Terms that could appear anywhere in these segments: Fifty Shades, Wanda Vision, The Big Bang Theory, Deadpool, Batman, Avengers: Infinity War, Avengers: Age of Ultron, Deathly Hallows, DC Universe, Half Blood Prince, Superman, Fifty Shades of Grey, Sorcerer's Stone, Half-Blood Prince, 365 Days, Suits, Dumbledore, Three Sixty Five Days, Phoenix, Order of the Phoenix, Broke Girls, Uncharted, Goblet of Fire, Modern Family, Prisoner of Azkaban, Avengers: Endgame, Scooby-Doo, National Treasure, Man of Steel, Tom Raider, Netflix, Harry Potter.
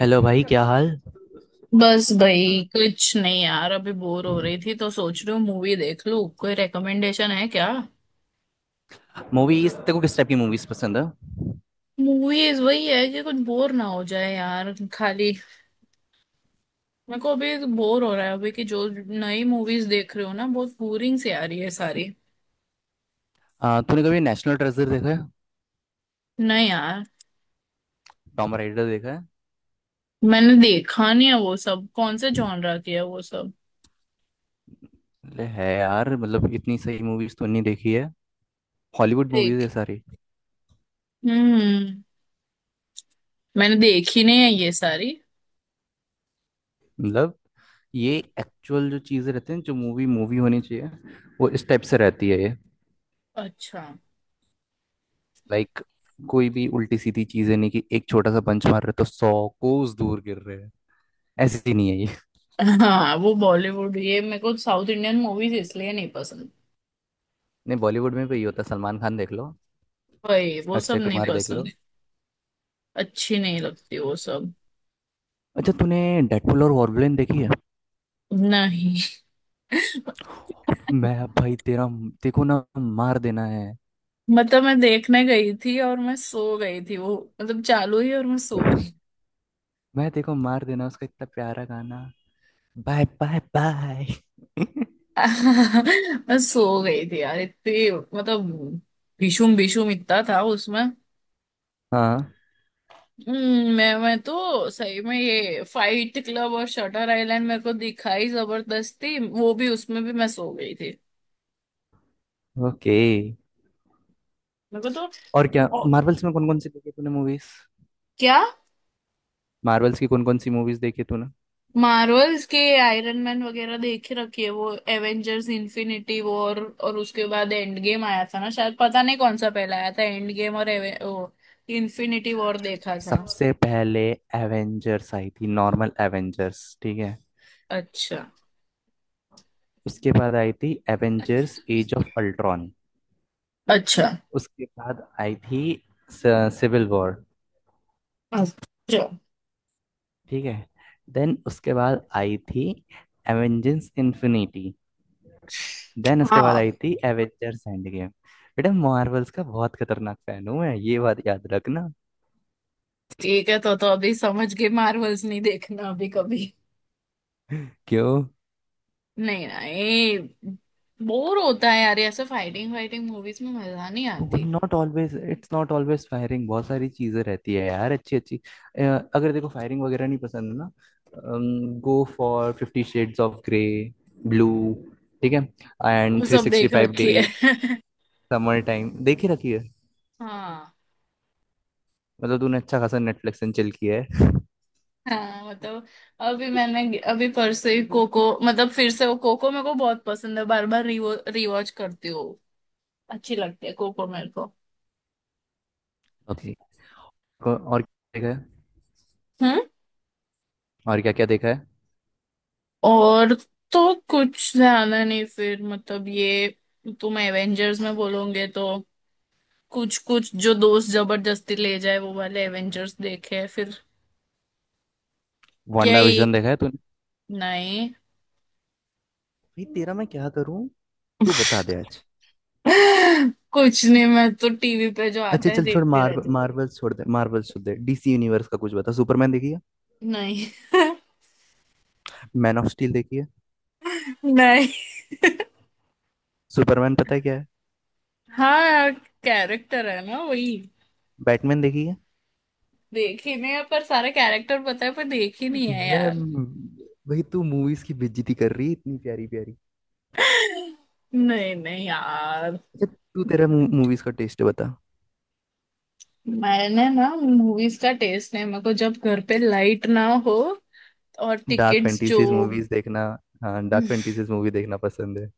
Hello भाई, क्या हाल? बस भाई, कुछ नहीं यार। अभी बोर हो रही थी तो सोच रही हूँ मूवी देख लूँ। कोई रेकमेंडेशन है क्या? मूवीज, तेरे को किस टाइप की मूवीज पसंद है? मूवीज वही है कि कुछ बोर ना हो जाए यार, खाली। मेरे को अभी बोर हो रहा है। अभी कि जो नई मूवीज देख रही हो ना, बहुत बोरिंग सी आ रही है सारी। तूने कभी नेशनल ट्रेजर देखा है? नहीं यार। टॉम राइडर देखा है? मैंने देखा नहीं है। वो सब कौन से जॉनरा की है वो सब? ले है यार, मतलब इतनी सही मूवीज तो नहीं देखी है। हॉलीवुड मूवीज है देख। सारी। हम्म। मैंने देखी नहीं है ये सारी। मतलब ये एक्चुअल जो चीजें रहती हैं जो मूवी मूवी होनी चाहिए, वो इस टाइप से रहती है ये। अच्छा। लाइक कोई भी उल्टी सीधी चीजें नहीं कि एक छोटा सा पंच मार रहे तो सौ कोस दूर गिर रहे हैं। ऐसी नहीं है ये। हाँ वो बॉलीवुड, ये मेरे को साउथ इंडियन मूवीज इसलिए नहीं पसंद। नहीं, बॉलीवुड में भी ये होता है। सलमान खान देख लो, वही वो सब अक्षय नहीं कुमार देख पसंद। लो। अच्छी नहीं लगती वो सब। अच्छा, तूने डेडपुल और वॉल्वरिन देखी है? नहीं मैं अब भाई तेरा देखो ना मार देना है। मतलब मैं देखने गई थी और मैं सो गई थी वो। मतलब चालू ही और मैं सो गई। मैं देखो मार देना, उसका इतना प्यारा गाना, बाय बाय बाय। मैं सो गई थी यार इतनी। मतलब भीषुम भीषुम इतना था उसमें। हाँ। मैं तो सही में, ये फाइट क्लब और शटर आइलैंड मेरे को दिखाई जबरदस्ती, वो भी उसमें भी मैं सो गई थी। ओके, मेरे को तो और क्या ओ, मार्वल्स में कौन कौन सी देखी तूने मूवीज? क्या। मार्वल्स की कौन कौन सी मूवीज देखी तूने? मार्वल्स के आयरन मैन वगैरह देख ही रखी है। वो एवेंजर्स इन्फिनिटी वॉर और उसके बाद एंड गेम आया था ना शायद। पता नहीं कौन सा पहला आया था, एंड गेम और इन्फिनिटी वॉर देखा था। सबसे पहले एवेंजर्स आई थी, नॉर्मल एवेंजर्स। ठीक है। अच्छा। उसके बाद आई थी एवेंजर्स एज ऑफ अल्ट्रॉन। अच्छा। उसके बाद आई थी सिविल वॉर। अच्छा। ठीक है। देन उसके बाद आई थी एवेंजर्स इन्फिनिटी। देन उसके बाद हाँ। आई थी एवेंजर्स एंड गेम। बेटा, मार्वल्स का बहुत खतरनाक फैन हूँ मैं, ये बात याद रखना। ठीक है तो अभी समझ गए मार्वल्स नहीं देखना अभी कभी। क्यों? नहीं ना ये। बोर होता है यार। ये ऐसे फाइटिंग फाइटिंग मूवीज में मजा नहीं आती। Not always, it's not always firing. बहुत सारी चीजें रहती है यार, अच्छी अच्छी। अ, अगर देखो फायरिंग वगैरह नहीं पसंद ना, go for fifty shades of grey, blue. ठीक है। एंड वो थ्री सब सिक्सटी देख फाइव रखी है। डेज समर टाइम देख ही रखी है। हाँ। मतलब तूने अच्छा खासा नेटफ्लिक्स एंड चिल किया है। हाँ मतलब अभी मैंने अभी परसों ही कोको। मतलब फिर से वो कोको मेरे को बहुत पसंद है, बार बार रिवो रिवॉच करती हूँ। अच्छी लगती है कोको मेरे को। ओके। और क्या देखा है? हम्म। और क्या क्या देखा है? और तो कुछ ज्यादा नहीं, फिर मतलब ये। तुम एवेंजर्स में बोलोगे तो कुछ कुछ जो दोस्त जबरदस्ती ले जाए वो वाले एवेंजर्स देखे फिर। वांडा यही। विजन देखा है तूने? नहीं। भाई तेरा मैं क्या करूं? तू बता दे आज। कुछ नहीं, मैं तो टीवी पे जो आता अच्छा है चल छोड़, देखती मार रहती हूँ। मार्वल छोड़ दे, मार्वल छोड़ दे। डीसी यूनिवर्स का कुछ बता। सुपरमैन देखी है? नहीं। मैन ऑफ स्टील देखी है? नहीं। सुपरमैन पता है क्या है? हाँ यार, कैरेक्टर है ना वही। बैटमैन देखी है? देखे नहीं है, पर सारे कैरेक्टर पता है पर देखी नहीं है यार। मैं- भाई तू मूवीज की बेइज्जती कर रही है इतनी प्यारी प्यारी। नहीं नहीं यार। अच्छा, तू तेरा मूवीज का टेस्ट बता। मैंने ना मूवीज का टेस्ट नहीं। मेरे को जब घर पे लाइट ना हो और डार्क टिकट्स जो। फैंटेसीज मूवीज देखना? हाँ, डार्क फैंटेसीज मूवी देखना पसंद है?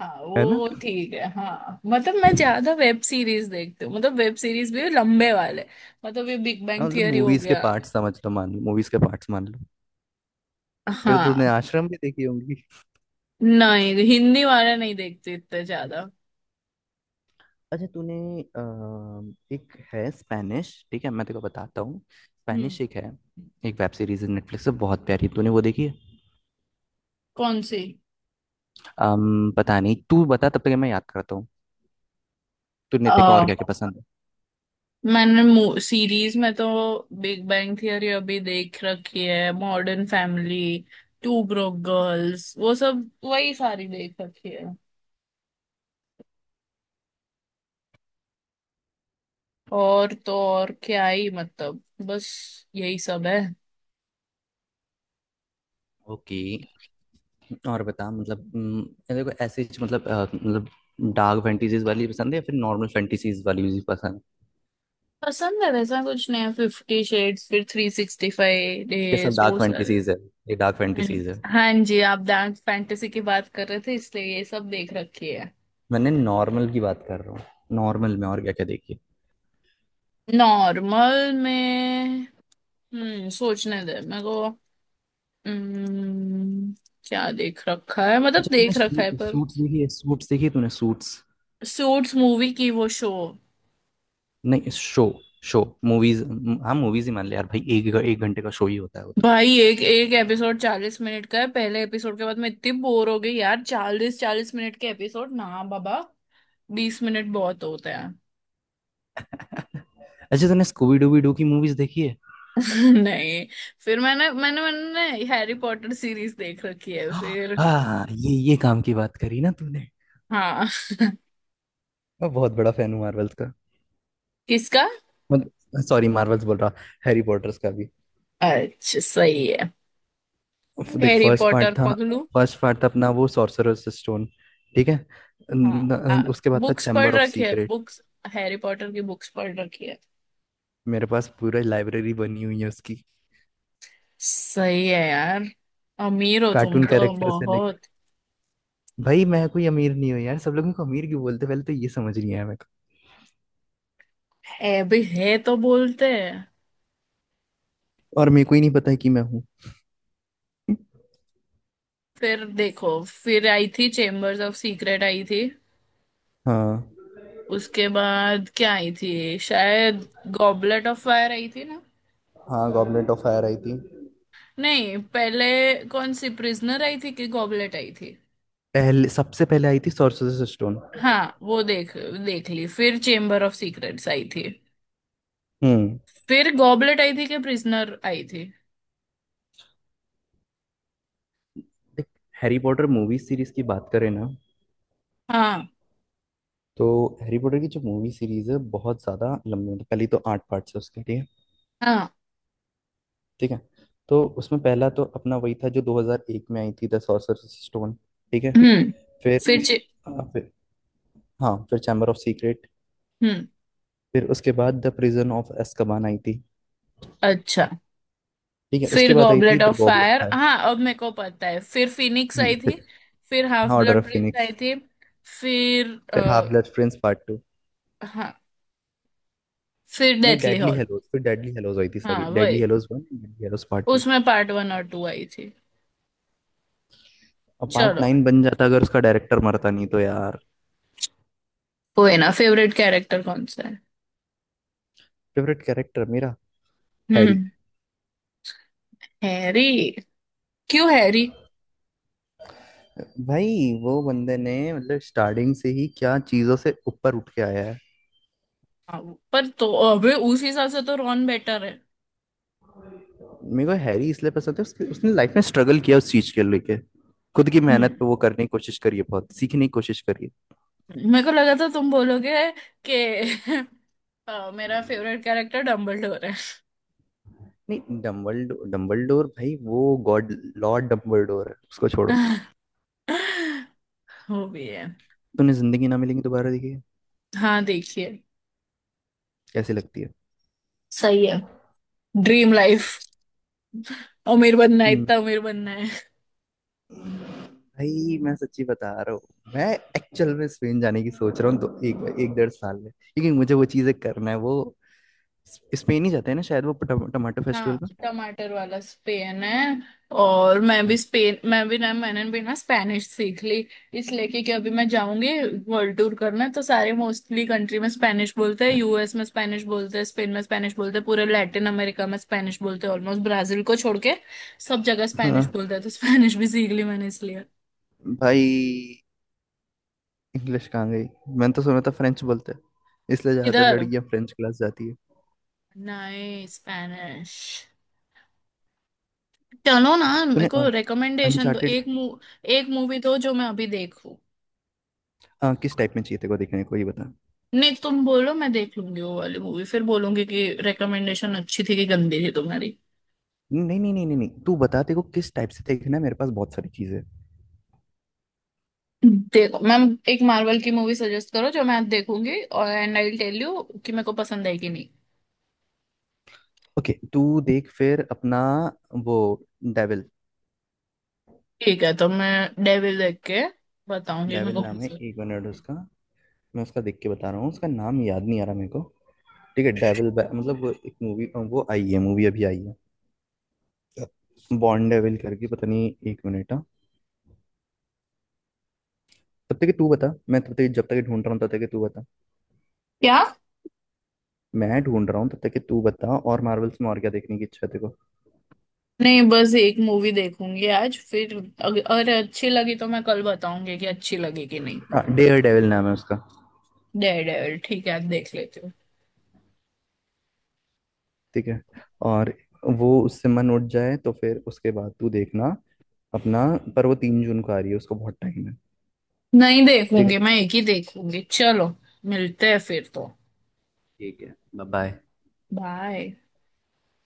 हाँ है ना? वो ठीक है। हाँ मतलब मैं ज्यादा वेब सीरीज देखती हूँ, मतलब वेब सीरीज भी लंबे वाले। मतलब ये बिग बैंग हाँ मतलब थियरी हो मूवीज के गया। पार्ट समझ लो, मान लो मूवीज के पार्ट्स मान लो। फिर तो तूने हाँ। आश्रम भी देखी होंगी। नहीं, हिंदी वाले नहीं देखती इतने ज्यादा। अच्छा तूने एक है स्पेनिश, ठीक है मैं तेरे को बताता हूँ। हम्म। स्पेनिश एक है, एक वेब सीरीज है नेटफ्लिक्स पे बहुत प्यारी, तूने वो देखी है? कौन सी? पता नहीं, तू बता, तब तक मैं याद करता हूँ। तूने तेरे को और क्या क्या पसंद है? मैंने सीरीज में तो बिग बैंग थियरी अभी देख रखी है, Modern Family, Two Broke Girls, वो सब वही सारी देख रखी है। और तो और क्या ही मतलब, बस यही सब है। ओके। और बता मतलब तेरे को ऐसे ही मतलब मतलब डार्क फैंटेसीज वाली पसंद है या फिर नॉर्मल फैंटेसीज वाली भी पसंद है? पसंद है वैसा कुछ नहीं है। फिफ्टी शेड्स, फिर थ्री सिक्सटी फाइव ये सब डेज डार्क वो सारे। फैंटेसीज है। ये डार्क हम्म। फैंटेसीज है। हाँ जी, आप डार्क फैंटेसी की बात कर रहे थे इसलिए ये सब देख रखी है। मैंने नॉर्मल की बात कर रहा हूँ। नॉर्मल में और क्या क्या देखी है? नॉर्मल में सोचने दे मेरे को। हम्म, क्या देख रखा है, मतलब अच्छा तूने देख रखा है पर। सूट्स देखी है? सूट्स देखी है तूने सूट्स? सूट्स मूवी की वो शो? नहीं, शो, शो मूवीज। हाँ मूवीज ही मान ले यार भाई, एक एक घंटे का शो ही होता है वो तो। भाई एक एक एपिसोड 40 मिनट का है। पहले एपिसोड के बाद मैं इतनी बोर हो गई यार। चालीस चालीस मिनट के एपिसोड ना बाबा। 20 मिनट बहुत होते हैं। अच्छा तूने स्कूबी डूबी डू की मूवीज देखी है? नहीं। फिर मैंने मैंने मैंने हैरी पॉटर सीरीज देख रखी है हाँ फिर। हाँ, ये काम की बात करी ना तूने। हाँ। मैं बहुत बड़ा फैन हूँ मार्वल्स का। किसका? मतलब सॉरी मार्वल्स बोल रहा, हैरी पॉटर्स का भी। अच्छा सही है। देख, हैरी फर्स्ट पार्ट पॉटर था, पगलू। फर्स्ट पार्ट था अपना वो सॉर्सरर्स स्टोन, ठीक है। हाँ। उसके बाद था बुक्स पढ़ चैम्बर ऑफ रखी है सीक्रेट। बुक्स। हैरी पॉटर की बुक्स पढ़ रखी है। मेरे पास पूरा लाइब्रेरी बनी हुई है उसकी। सही है यार। अमीर हो तुम कार्टून तो कैरेक्टर से। बहुत। भाई मैं कोई अमीर नहीं हूँ यार, सब लोगों को अमीर क्यों बोलते हैं? पहले तो ये समझ नहीं आया मेरे है भी है तो बोलते हैं। को, और मेरे को ही नहीं पता है कि मैं हूँ। फिर देखो, फिर आई थी चेम्बर्स ऑफ सीक्रेट आई थी। हाँ। उसके बाद क्या आई थी शायद? गॉबलेट ऑफ फायर आई थी ना? हाँ गॉबलेट ऑफ फायर आई थी। नहीं पहले, कौन सी प्रिजनर आई थी कि गॉबलेट आई थी? पहले सबसे पहले आई थी सोर्सरर्स स्टोन। हाँ वो देख, देख ली। फिर चेम्बर ऑफ सीक्रेट्स आई थी। हम्म। फिर गॉबलेट आई थी कि प्रिजनर आई थी? देख, हैरी पॉटर मूवी सीरीज की बात करें ना, हाँ। तो हैरी पॉटर की जो मूवी सीरीज है बहुत ज़्यादा लंबी, मतलब पहली तो आठ पार्ट्स है उसके, ठीक है। हाँ। ठीक है। तो उसमें पहला तो अपना वही था जो 2001 में आई थी द सोर्सरर्स स्टोन, ठीक है। हम्म। फिर फिर चे- उसके हाँ, फिर हाँ फिर चैम्बर ऑफ सीक्रेट। हम्म। फिर उसके बाद द प्रिजन ऑफ एस्कबान आई थी, अच्छा। ठीक है। फिर उसके बाद आई थी goblet the of goblin fire, file. हाँ अब मेरे को पता है। फिर फिनिक्स हम्म, आई थी। फिर- फिर हाफ हाँ ऑर्डर ब्लड ऑफ प्रिंस आई फिनिक्स। थी। फिर फिर आ, हाफ ब्लड प्रिंस पार्ट 2। हाँ, फिर नहीं डेथली डेडली हॉल। हेलोज, फिर डेडली हेलोज आई थी, सॉरी हाँ डेडली वही, हेलोज 1, डेडली हेलोज पार्ट 2। उसमें पार्ट वन और टू आई थी। और पार्ट चलो, नाइन बन जाता अगर उसका डायरेक्टर मरता नहीं तो यार। कोई ना। फेवरेट कैरेक्टर कौन सा है? फेवरेट कैरेक्टर मेरा हैरी। हम्म। हैरी? क्यों हैरी? भाई, वो बंदे ने मतलब स्टार्टिंग से ही क्या चीज़ों से ऊपर उठ के आया है। हाँ, पर तो अबे उस हिसाब से तो रॉन बेटर है। मेरे को हैरी इसलिए पसंद है, उसके उसने लाइफ में स्ट्रगल किया उस चीज के लेके। खुद की मेहनत हम्म। पे वो करने की कोशिश करी है, बहुत सीखने की कोशिश करी है। मेरे को लगा था तुम बोलोगे कि मेरा फेवरेट कैरेक्टर डम्बलडोर है। नहीं डम्बलडोर, डम्बलडोर भाई वो गॉड लॉर्ड डम्बलडोर है, उसको छोड़ो। वो भी है। तूने जिंदगी ना मिलेगी दोबारा देखी है? हाँ देखिए। कैसी लगती है? सही है। Dream life. अमीर बनना है, हम्म, इतना अमीर बनना है। भाई मैं सच्ची बता रहा हूँ, मैं एक्चुअल में स्पेन जाने की सोच रहा हूँ तो, एक एक डेढ़ साल में, क्योंकि मुझे वो चीजें करना है वो। स्पेन ही जाते हैं ना शायद वो टमाटो हाँ, फेस्टिवल में। टमाटर वाला स्पेन है। और मैं भी स्पेन, मैं भी ना, मैंने भी ना स्पेनिश सीख ली। इसलिए कि अभी मैं जाऊंगी वर्ल्ड टूर करना, तो सारे मोस्टली कंट्री में स्पेनिश बोलते हैं। यूएस में स्पेनिश बोलते हैं, स्पेन में स्पेनिश बोलते हैं, पूरे लैटिन अमेरिका में स्पेनिश बोलते हैं, ऑलमोस्ट ब्राजील को छोड़ के सब जगह हाँ। स्पेनिश बोलते हैं। तो स्पेनिश भी सीख ली मैंने इसलिए। भाई इंग्लिश कहाँ गई? मैंने तो सुना था फ्रेंच बोलते हैं, इसलिए ज्यादातर इधर? लड़कियां फ्रेंच क्लास जाती है। नहीं, स्पेनिश। चलो ना मेरे तूने को रिकमेंडेशन दो, अनचार्टेड? एक मूवी दो जो मैं अभी देखूं। हाँ, किस टाइप में चाहिए तेरे को देखने को ये बता। नहीं तुम बोलो, मैं देख लूंगी वो वाली मूवी, फिर बोलूंगी कि रिकमेंडेशन अच्छी थी कि गंदी थी तुम्हारी। नहीं नहीं नहीं नहीं नहीं, तू बता, तेरे को किस टाइप से देखना है, मेरे पास बहुत सारी चीजें हैं। देखो मैम, एक मार्वल की मूवी सजेस्ट करो जो मैं देखूंगी, और एंड आई टेल यू कि मेरे को पसंद आई कि नहीं। ओके तू देख फिर अपना वो डेविल। ठीक है, तो मैं डेविल देख के बताऊंगी मेरे डेविल को नाम है, पसंद। एक मिनट उसका। मैं उसका देख के बता रहा हूँ, उसका नाम याद नहीं आ रहा मेरे को। ठीक है डेविल मतलब वो एक मूवी, वो आई है, मूवी अभी आई है बॉर्न डेविल करके, पता नहीं, एक मिनट। हाँ। तब तक कि तू बता, मैं तब तक, जब तक कि ढूंढ रहा हूँ तब तक कि तू बता। क्या? मैं ढूंढ रहा हूँ तब तक कि तू बता, और मार्वल्स में और क्या देखने की इच्छा है तेरे को? नहीं बस एक मूवी देखूंगी आज, फिर अगर अच्छी लगी तो मैं कल बताऊंगी कि अच्छी लगी कि नहीं। हाँ डेयर डेविल नाम है उसका। डेविल, ठीक है, आज देख लेती हूँ। ठीक है। और वो उससे मन उठ जाए तो फिर उसके बाद तू देखना अपना, पर वो 3 जून को आ रही है, उसको बहुत टाइम है। नहीं ठीक है। देखूंगी, मैं एक ही देखूंगी। चलो, मिलते हैं फिर तो। ठीक है बाय बाय। बाय।